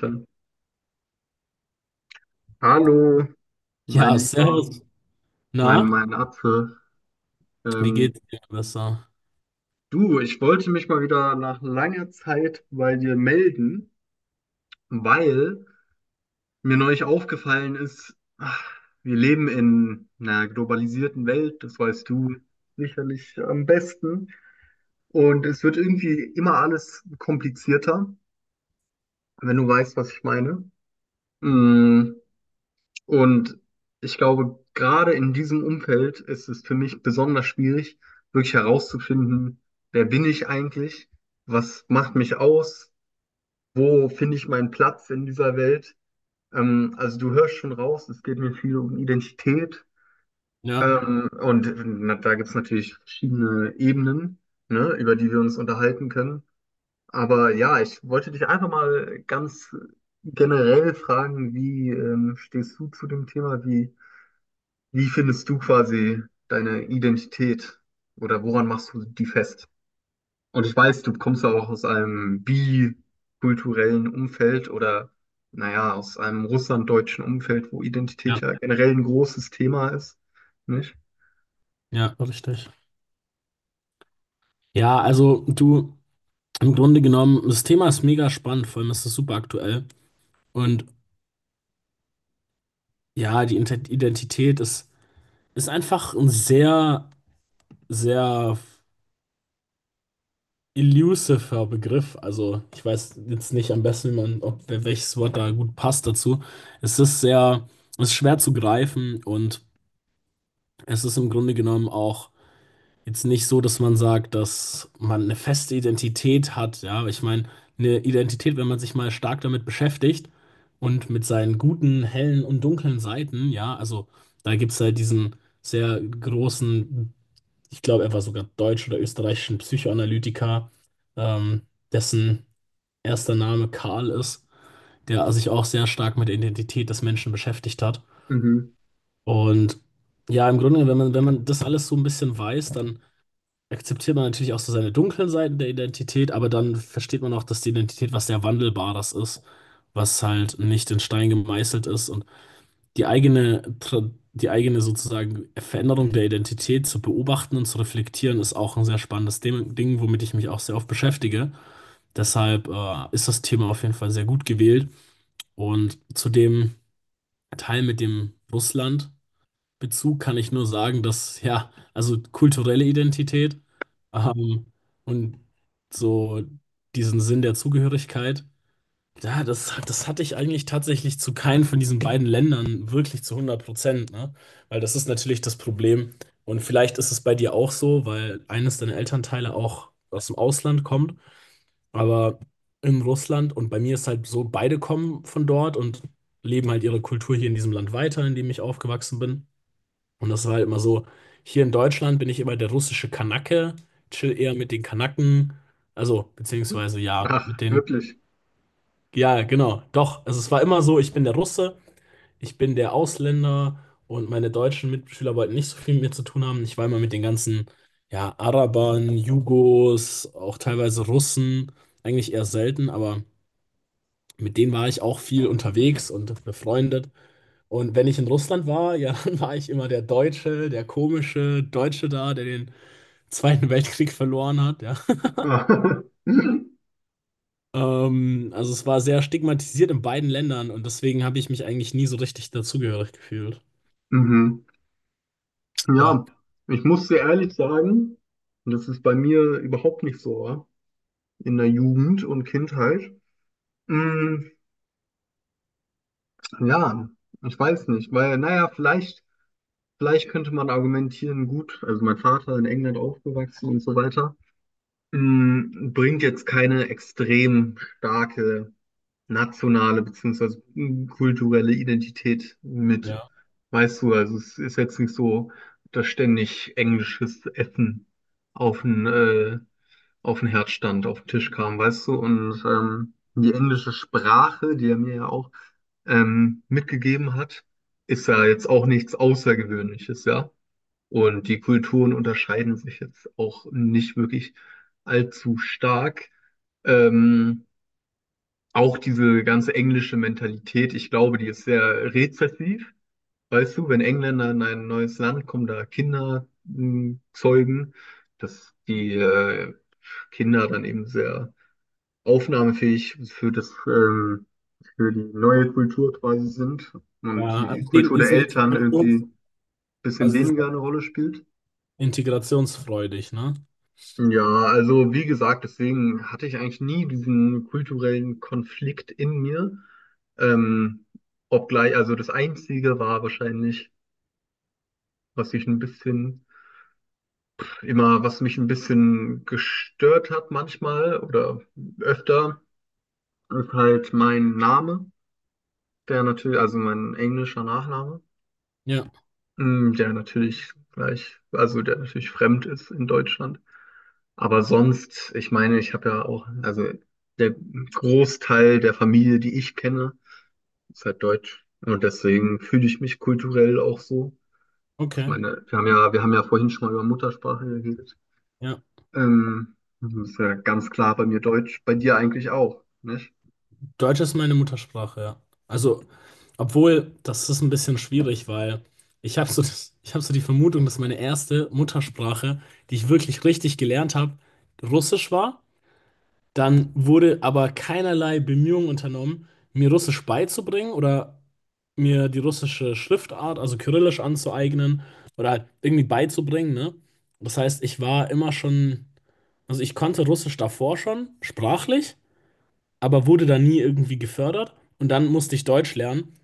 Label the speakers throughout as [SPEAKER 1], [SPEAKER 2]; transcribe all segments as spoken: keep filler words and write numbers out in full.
[SPEAKER 1] Dann. Hallo, mein
[SPEAKER 2] Ja,
[SPEAKER 1] Lieber,
[SPEAKER 2] servus.
[SPEAKER 1] mein,
[SPEAKER 2] Na,
[SPEAKER 1] mein Apfel.
[SPEAKER 2] wie
[SPEAKER 1] Ähm,
[SPEAKER 2] geht's dir besser?
[SPEAKER 1] Du, ich wollte mich mal wieder nach langer Zeit bei dir melden, weil mir neulich aufgefallen ist, ach, wir leben in einer globalisierten Welt, das weißt du sicherlich am besten. Und es wird irgendwie immer alles komplizierter, wenn du weißt, was ich meine. Mm, Und ich glaube, gerade in diesem Umfeld ist es für mich besonders schwierig, wirklich herauszufinden, wer bin ich eigentlich, was macht mich aus, wo finde ich meinen Platz in dieser Welt. Ähm, also du hörst schon raus, es geht mir viel um Identität.
[SPEAKER 2] Ja,
[SPEAKER 1] Ähm, und na, da gibt es natürlich verschiedene Ebenen, ne, über die wir uns unterhalten können. Aber ja, ich wollte dich einfach mal ganz generell fragen, wie ähm, stehst du zu dem Thema? Wie wie findest du quasi deine Identität oder woran machst du die fest? Und ich weiß, du kommst ja auch aus einem bikulturellen Umfeld oder naja, aus einem russlanddeutschen Umfeld, wo Identität
[SPEAKER 2] ja,
[SPEAKER 1] ja generell ein großes Thema ist, nicht?
[SPEAKER 2] ja, richtig. Ja, also du, im Grunde genommen, das Thema ist mega spannend, vor allem ist es super aktuell. Und ja, die Inte- Identität ist, ist einfach ein sehr, sehr elusiver Begriff. Also ich weiß jetzt nicht am besten, wie man, ob wel- welches Wort da gut passt dazu. Es ist sehr, es ist schwer zu greifen und es ist im Grunde genommen auch jetzt nicht so, dass man sagt, dass man eine feste Identität hat. Ja, aber ich meine, eine Identität, wenn man sich mal stark damit beschäftigt und mit seinen guten, hellen und dunklen Seiten, ja, also da gibt es halt diesen sehr großen, ich glaube, er war sogar deutsch oder österreichischen Psychoanalytiker, ähm, dessen erster Name Karl ist, der sich auch sehr stark mit der Identität des Menschen beschäftigt hat.
[SPEAKER 1] Mhm.
[SPEAKER 2] Und ja, im Grunde, wenn man, wenn man das alles so ein bisschen weiß, dann akzeptiert man natürlich auch so seine dunklen Seiten der Identität, aber dann versteht man auch, dass die Identität was sehr Wandelbares ist, was halt nicht in Stein gemeißelt ist, und die eigene, Tra- die eigene sozusagen Veränderung der Identität zu beobachten und zu reflektieren ist auch ein sehr spannendes Dem- Ding, womit ich mich auch sehr oft beschäftige. Deshalb äh, ist das Thema auf jeden Fall sehr gut gewählt, und zu dem Teil mit dem Russland. Bezug kann ich nur sagen, dass, ja, also kulturelle Identität ähm, und so diesen Sinn der Zugehörigkeit, ja, das, das hatte ich eigentlich tatsächlich zu keinem von diesen beiden Ländern wirklich zu hundert Prozent, ne? Weil das ist natürlich das Problem. Und vielleicht ist es bei dir auch so, weil eines deiner Elternteile auch aus dem Ausland kommt, aber in Russland, und bei mir ist halt so, beide kommen von dort und leben halt ihre Kultur hier in diesem Land weiter, in dem ich aufgewachsen bin. Und das war halt immer so, hier in Deutschland bin ich immer der russische Kanake, chill eher mit den Kanaken, also beziehungsweise ja,
[SPEAKER 1] Ach,
[SPEAKER 2] mit den,
[SPEAKER 1] wirklich.
[SPEAKER 2] ja, genau, doch, also es war immer so, ich bin der Russe, ich bin der Ausländer und meine deutschen Mitschüler wollten nicht so viel mit mir zu tun haben. Ich war immer mit den ganzen, ja, Arabern, Jugos, auch teilweise Russen, eigentlich eher selten, aber mit denen war ich auch viel unterwegs und befreundet. Und wenn ich in Russland war, ja, dann war ich immer der Deutsche, der komische Deutsche da, der den Zweiten Weltkrieg verloren hat, ja. Ähm, also es war sehr stigmatisiert in beiden Ländern, und deswegen habe ich mich eigentlich nie so richtig dazugehörig gefühlt.
[SPEAKER 1] Mhm.
[SPEAKER 2] Ja,
[SPEAKER 1] Ja, ich muss dir ehrlich sagen, das ist bei mir überhaupt nicht so, ja, in der Jugend und Kindheit. Mm, Ja, ich weiß nicht, weil, naja, vielleicht, vielleicht könnte man argumentieren, gut, also mein Vater in England aufgewachsen und so weiter, mh, bringt jetzt keine extrem starke nationale beziehungsweise kulturelle Identität mit.
[SPEAKER 2] ja.
[SPEAKER 1] Weißt du, also es ist jetzt nicht so, dass ständig englisches Essen auf den, äh, auf den Herd stand, auf den Tisch kam, weißt du? Und ähm, die englische Sprache, die er mir ja auch ähm, mitgegeben hat, ist ja jetzt auch nichts Außergewöhnliches, ja? Und die Kulturen unterscheiden sich jetzt auch nicht wirklich allzu stark. Ähm, Auch diese ganze englische Mentalität, ich glaube, die ist sehr rezessiv. Weißt du, wenn Engländer in ein neues Land kommen, da Kinder m, zeugen, dass die äh, Kinder dann eben sehr aufnahmefähig für das, ähm, für die neue Kultur quasi sind und
[SPEAKER 2] Ja,
[SPEAKER 1] die
[SPEAKER 2] also die
[SPEAKER 1] Kultur
[SPEAKER 2] die
[SPEAKER 1] der
[SPEAKER 2] sind
[SPEAKER 1] Eltern irgendwie
[SPEAKER 2] Integrations,
[SPEAKER 1] ein bisschen
[SPEAKER 2] also die sind
[SPEAKER 1] weniger eine Rolle spielt.
[SPEAKER 2] integrationsfreudig, ne?
[SPEAKER 1] Ja, also wie gesagt, deswegen hatte ich eigentlich nie diesen kulturellen Konflikt in mir. Ähm, Obgleich, also das Einzige war wahrscheinlich, was ich ein bisschen, immer, was mich ein bisschen gestört hat manchmal oder öfter, ist halt mein Name, der natürlich, also mein englischer Nachname,
[SPEAKER 2] Ja,
[SPEAKER 1] mm, der natürlich gleich, also der natürlich fremd ist in Deutschland. Aber sonst, ich meine, ich habe ja auch, also der Großteil der Familie, die ich kenne, ist halt deutsch. Und deswegen fühle ich mich kulturell auch so. Ich
[SPEAKER 2] okay.
[SPEAKER 1] meine, wir haben ja, wir haben ja vorhin schon mal über Muttersprache geredet.
[SPEAKER 2] Ja.
[SPEAKER 1] Ähm, Das ist ja ganz klar bei mir Deutsch, bei dir eigentlich auch, nicht?
[SPEAKER 2] Deutsch ist meine Muttersprache, ja. Also, obwohl, das ist ein bisschen schwierig, weil ich habe so, das- ich hab so die Vermutung, dass meine erste Muttersprache, die ich wirklich richtig gelernt habe, Russisch war. Dann wurde aber keinerlei Bemühungen unternommen, mir Russisch beizubringen oder mir die russische Schriftart, also Kyrillisch, anzueignen oder halt irgendwie beizubringen, ne? Das heißt, ich war immer schon, also ich konnte Russisch davor schon, sprachlich, aber wurde da nie irgendwie gefördert. Und dann musste ich Deutsch lernen.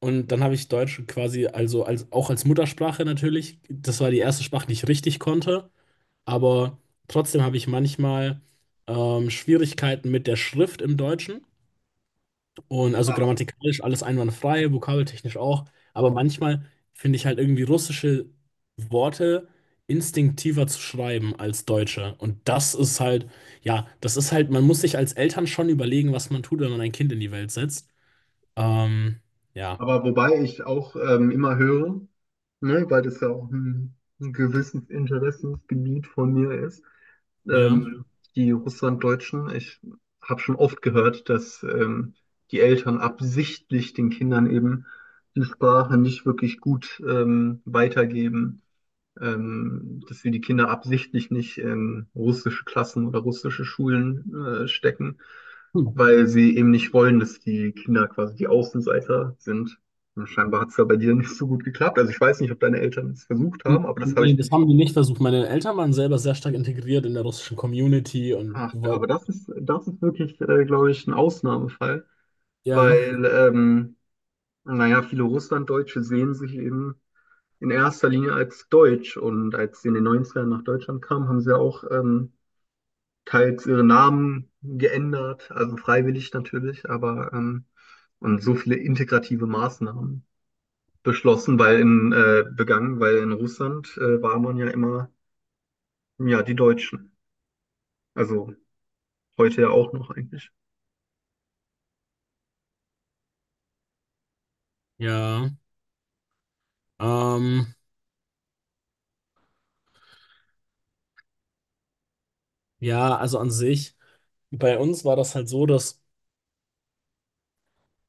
[SPEAKER 2] Und dann habe ich Deutsch quasi, also als, auch als Muttersprache natürlich. Das war die erste Sprache, die ich richtig konnte. Aber trotzdem habe ich manchmal ähm, Schwierigkeiten mit der Schrift im Deutschen. Und also
[SPEAKER 1] Ja.
[SPEAKER 2] grammatikalisch alles einwandfrei, vokabeltechnisch auch. Aber manchmal finde ich halt irgendwie russische Worte instinktiver zu schreiben als deutsche. Und das ist halt, ja, das ist halt, man muss sich als Eltern schon überlegen, was man tut, wenn man ein Kind in die Welt setzt. Ähm, ja.
[SPEAKER 1] Aber wobei ich auch ähm, immer höre, ne, weil das ja auch ein, ein gewisses Interessensgebiet von mir ist,
[SPEAKER 2] Ja.
[SPEAKER 1] ähm, die Russlanddeutschen. Ich habe schon oft gehört, dass ähm, die Eltern absichtlich den Kindern eben die Sprache nicht wirklich gut ähm, weitergeben, ähm, dass wir die Kinder absichtlich nicht in russische Klassen oder russische Schulen äh, stecken,
[SPEAKER 2] Hm.
[SPEAKER 1] weil sie eben nicht wollen, dass die Kinder quasi die Außenseiter sind. Und scheinbar hat es ja bei dir nicht so gut geklappt. Also ich weiß nicht, ob deine Eltern es versucht haben, aber das habe
[SPEAKER 2] Nee,
[SPEAKER 1] ich.
[SPEAKER 2] das haben die nicht versucht. Meine Eltern waren selber sehr stark integriert in der russischen Community, und
[SPEAKER 1] Ach,
[SPEAKER 2] wir
[SPEAKER 1] aber
[SPEAKER 2] wollten,
[SPEAKER 1] das ist, das ist wirklich, äh, glaube ich, ein Ausnahmefall,
[SPEAKER 2] ja,
[SPEAKER 1] weil, ähm, naja, viele Russlanddeutsche sehen sich eben in erster Linie als Deutsch. Und als sie in den neunzigern nach Deutschland kamen, haben sie ja auch ähm, teils ihre Namen geändert, also freiwillig natürlich, aber ähm, und so viele integrative Maßnahmen beschlossen, weil in, äh, begangen, weil in Russland äh, war man ja immer, ja, die Deutschen. Also heute ja auch noch eigentlich.
[SPEAKER 2] ja, ähm, ja, also an sich. Bei uns war das halt so, dass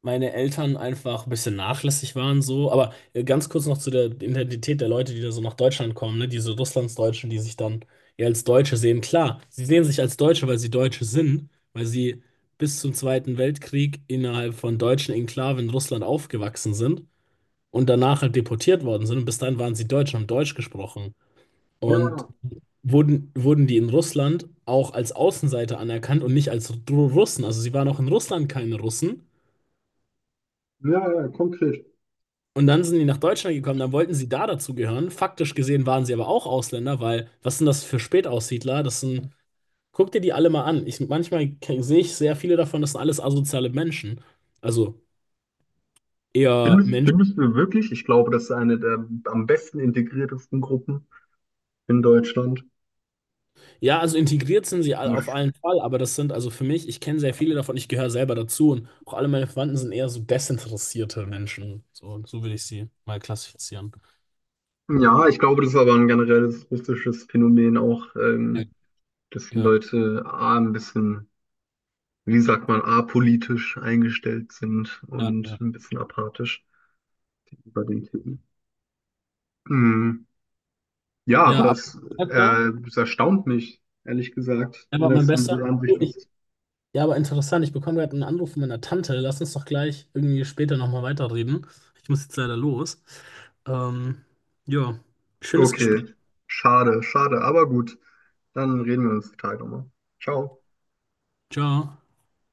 [SPEAKER 2] meine Eltern einfach ein bisschen nachlässig waren so. Aber äh, ganz kurz noch zu der Identität der Leute, die da so nach Deutschland kommen, ne? Diese Russlandsdeutschen, die sich dann eher als Deutsche sehen. Klar, sie sehen sich als Deutsche, weil sie Deutsche sind, weil sie bis zum Zweiten Weltkrieg innerhalb von deutschen Enklaven in Russland aufgewachsen sind und danach halt deportiert worden sind. Und bis dahin waren sie Deutsch und haben Deutsch gesprochen.
[SPEAKER 1] Ja,
[SPEAKER 2] Und wurden, wurden die in Russland auch als Außenseiter anerkannt und nicht als Ru- Russen. Also sie waren auch in Russland keine Russen.
[SPEAKER 1] ja, ja, konkret.
[SPEAKER 2] Und dann sind die nach Deutschland gekommen, dann wollten sie da dazugehören. Faktisch gesehen waren sie aber auch Ausländer, weil was sind das für Spätaussiedler? Das sind, guck dir die alle mal an. Ich, manchmal ke- sehe ich sehr viele davon, das sind alles asoziale Menschen. Also eher
[SPEAKER 1] Findest,
[SPEAKER 2] Menschen.
[SPEAKER 1] findest du wirklich? Ich glaube, das ist eine der am besten integriertesten Gruppen in Deutschland.
[SPEAKER 2] Ja, also integriert sind sie all-
[SPEAKER 1] Also,
[SPEAKER 2] auf
[SPEAKER 1] ich-
[SPEAKER 2] allen Fall, aber das sind, also für mich, ich kenne sehr viele davon, ich gehöre selber dazu, und auch alle meine Verwandten sind eher so desinteressierte Menschen. So, so würde ich sie mal klassifizieren.
[SPEAKER 1] ja, ich glaube, das ist aber ein generelles russisches Phänomen auch,
[SPEAKER 2] Ja,
[SPEAKER 1] ähm, dass die
[SPEAKER 2] ja,
[SPEAKER 1] Leute A, ein bisschen, wie sagt man, apolitisch eingestellt sind und
[SPEAKER 2] ja.
[SPEAKER 1] ein bisschen apathisch bei den Themen. Mm, Ja,
[SPEAKER 2] Ja, ja,
[SPEAKER 1] aber
[SPEAKER 2] aber
[SPEAKER 1] es,
[SPEAKER 2] mein Bester,
[SPEAKER 1] äh, es erstaunt mich, ehrlich gesagt,
[SPEAKER 2] er war mein
[SPEAKER 1] dass du
[SPEAKER 2] Bester.
[SPEAKER 1] diese Ansicht hast.
[SPEAKER 2] Ja, aber interessant, ich bekomme gerade einen Anruf von meiner Tante. Lass uns doch gleich irgendwie später nochmal weiterreden. Ich muss jetzt leider los. Ähm, ja, schönes Gespräch.
[SPEAKER 1] Okay, schade, schade, aber gut. Dann reden wir uns die Tage nochmal. Ciao.
[SPEAKER 2] Ciao.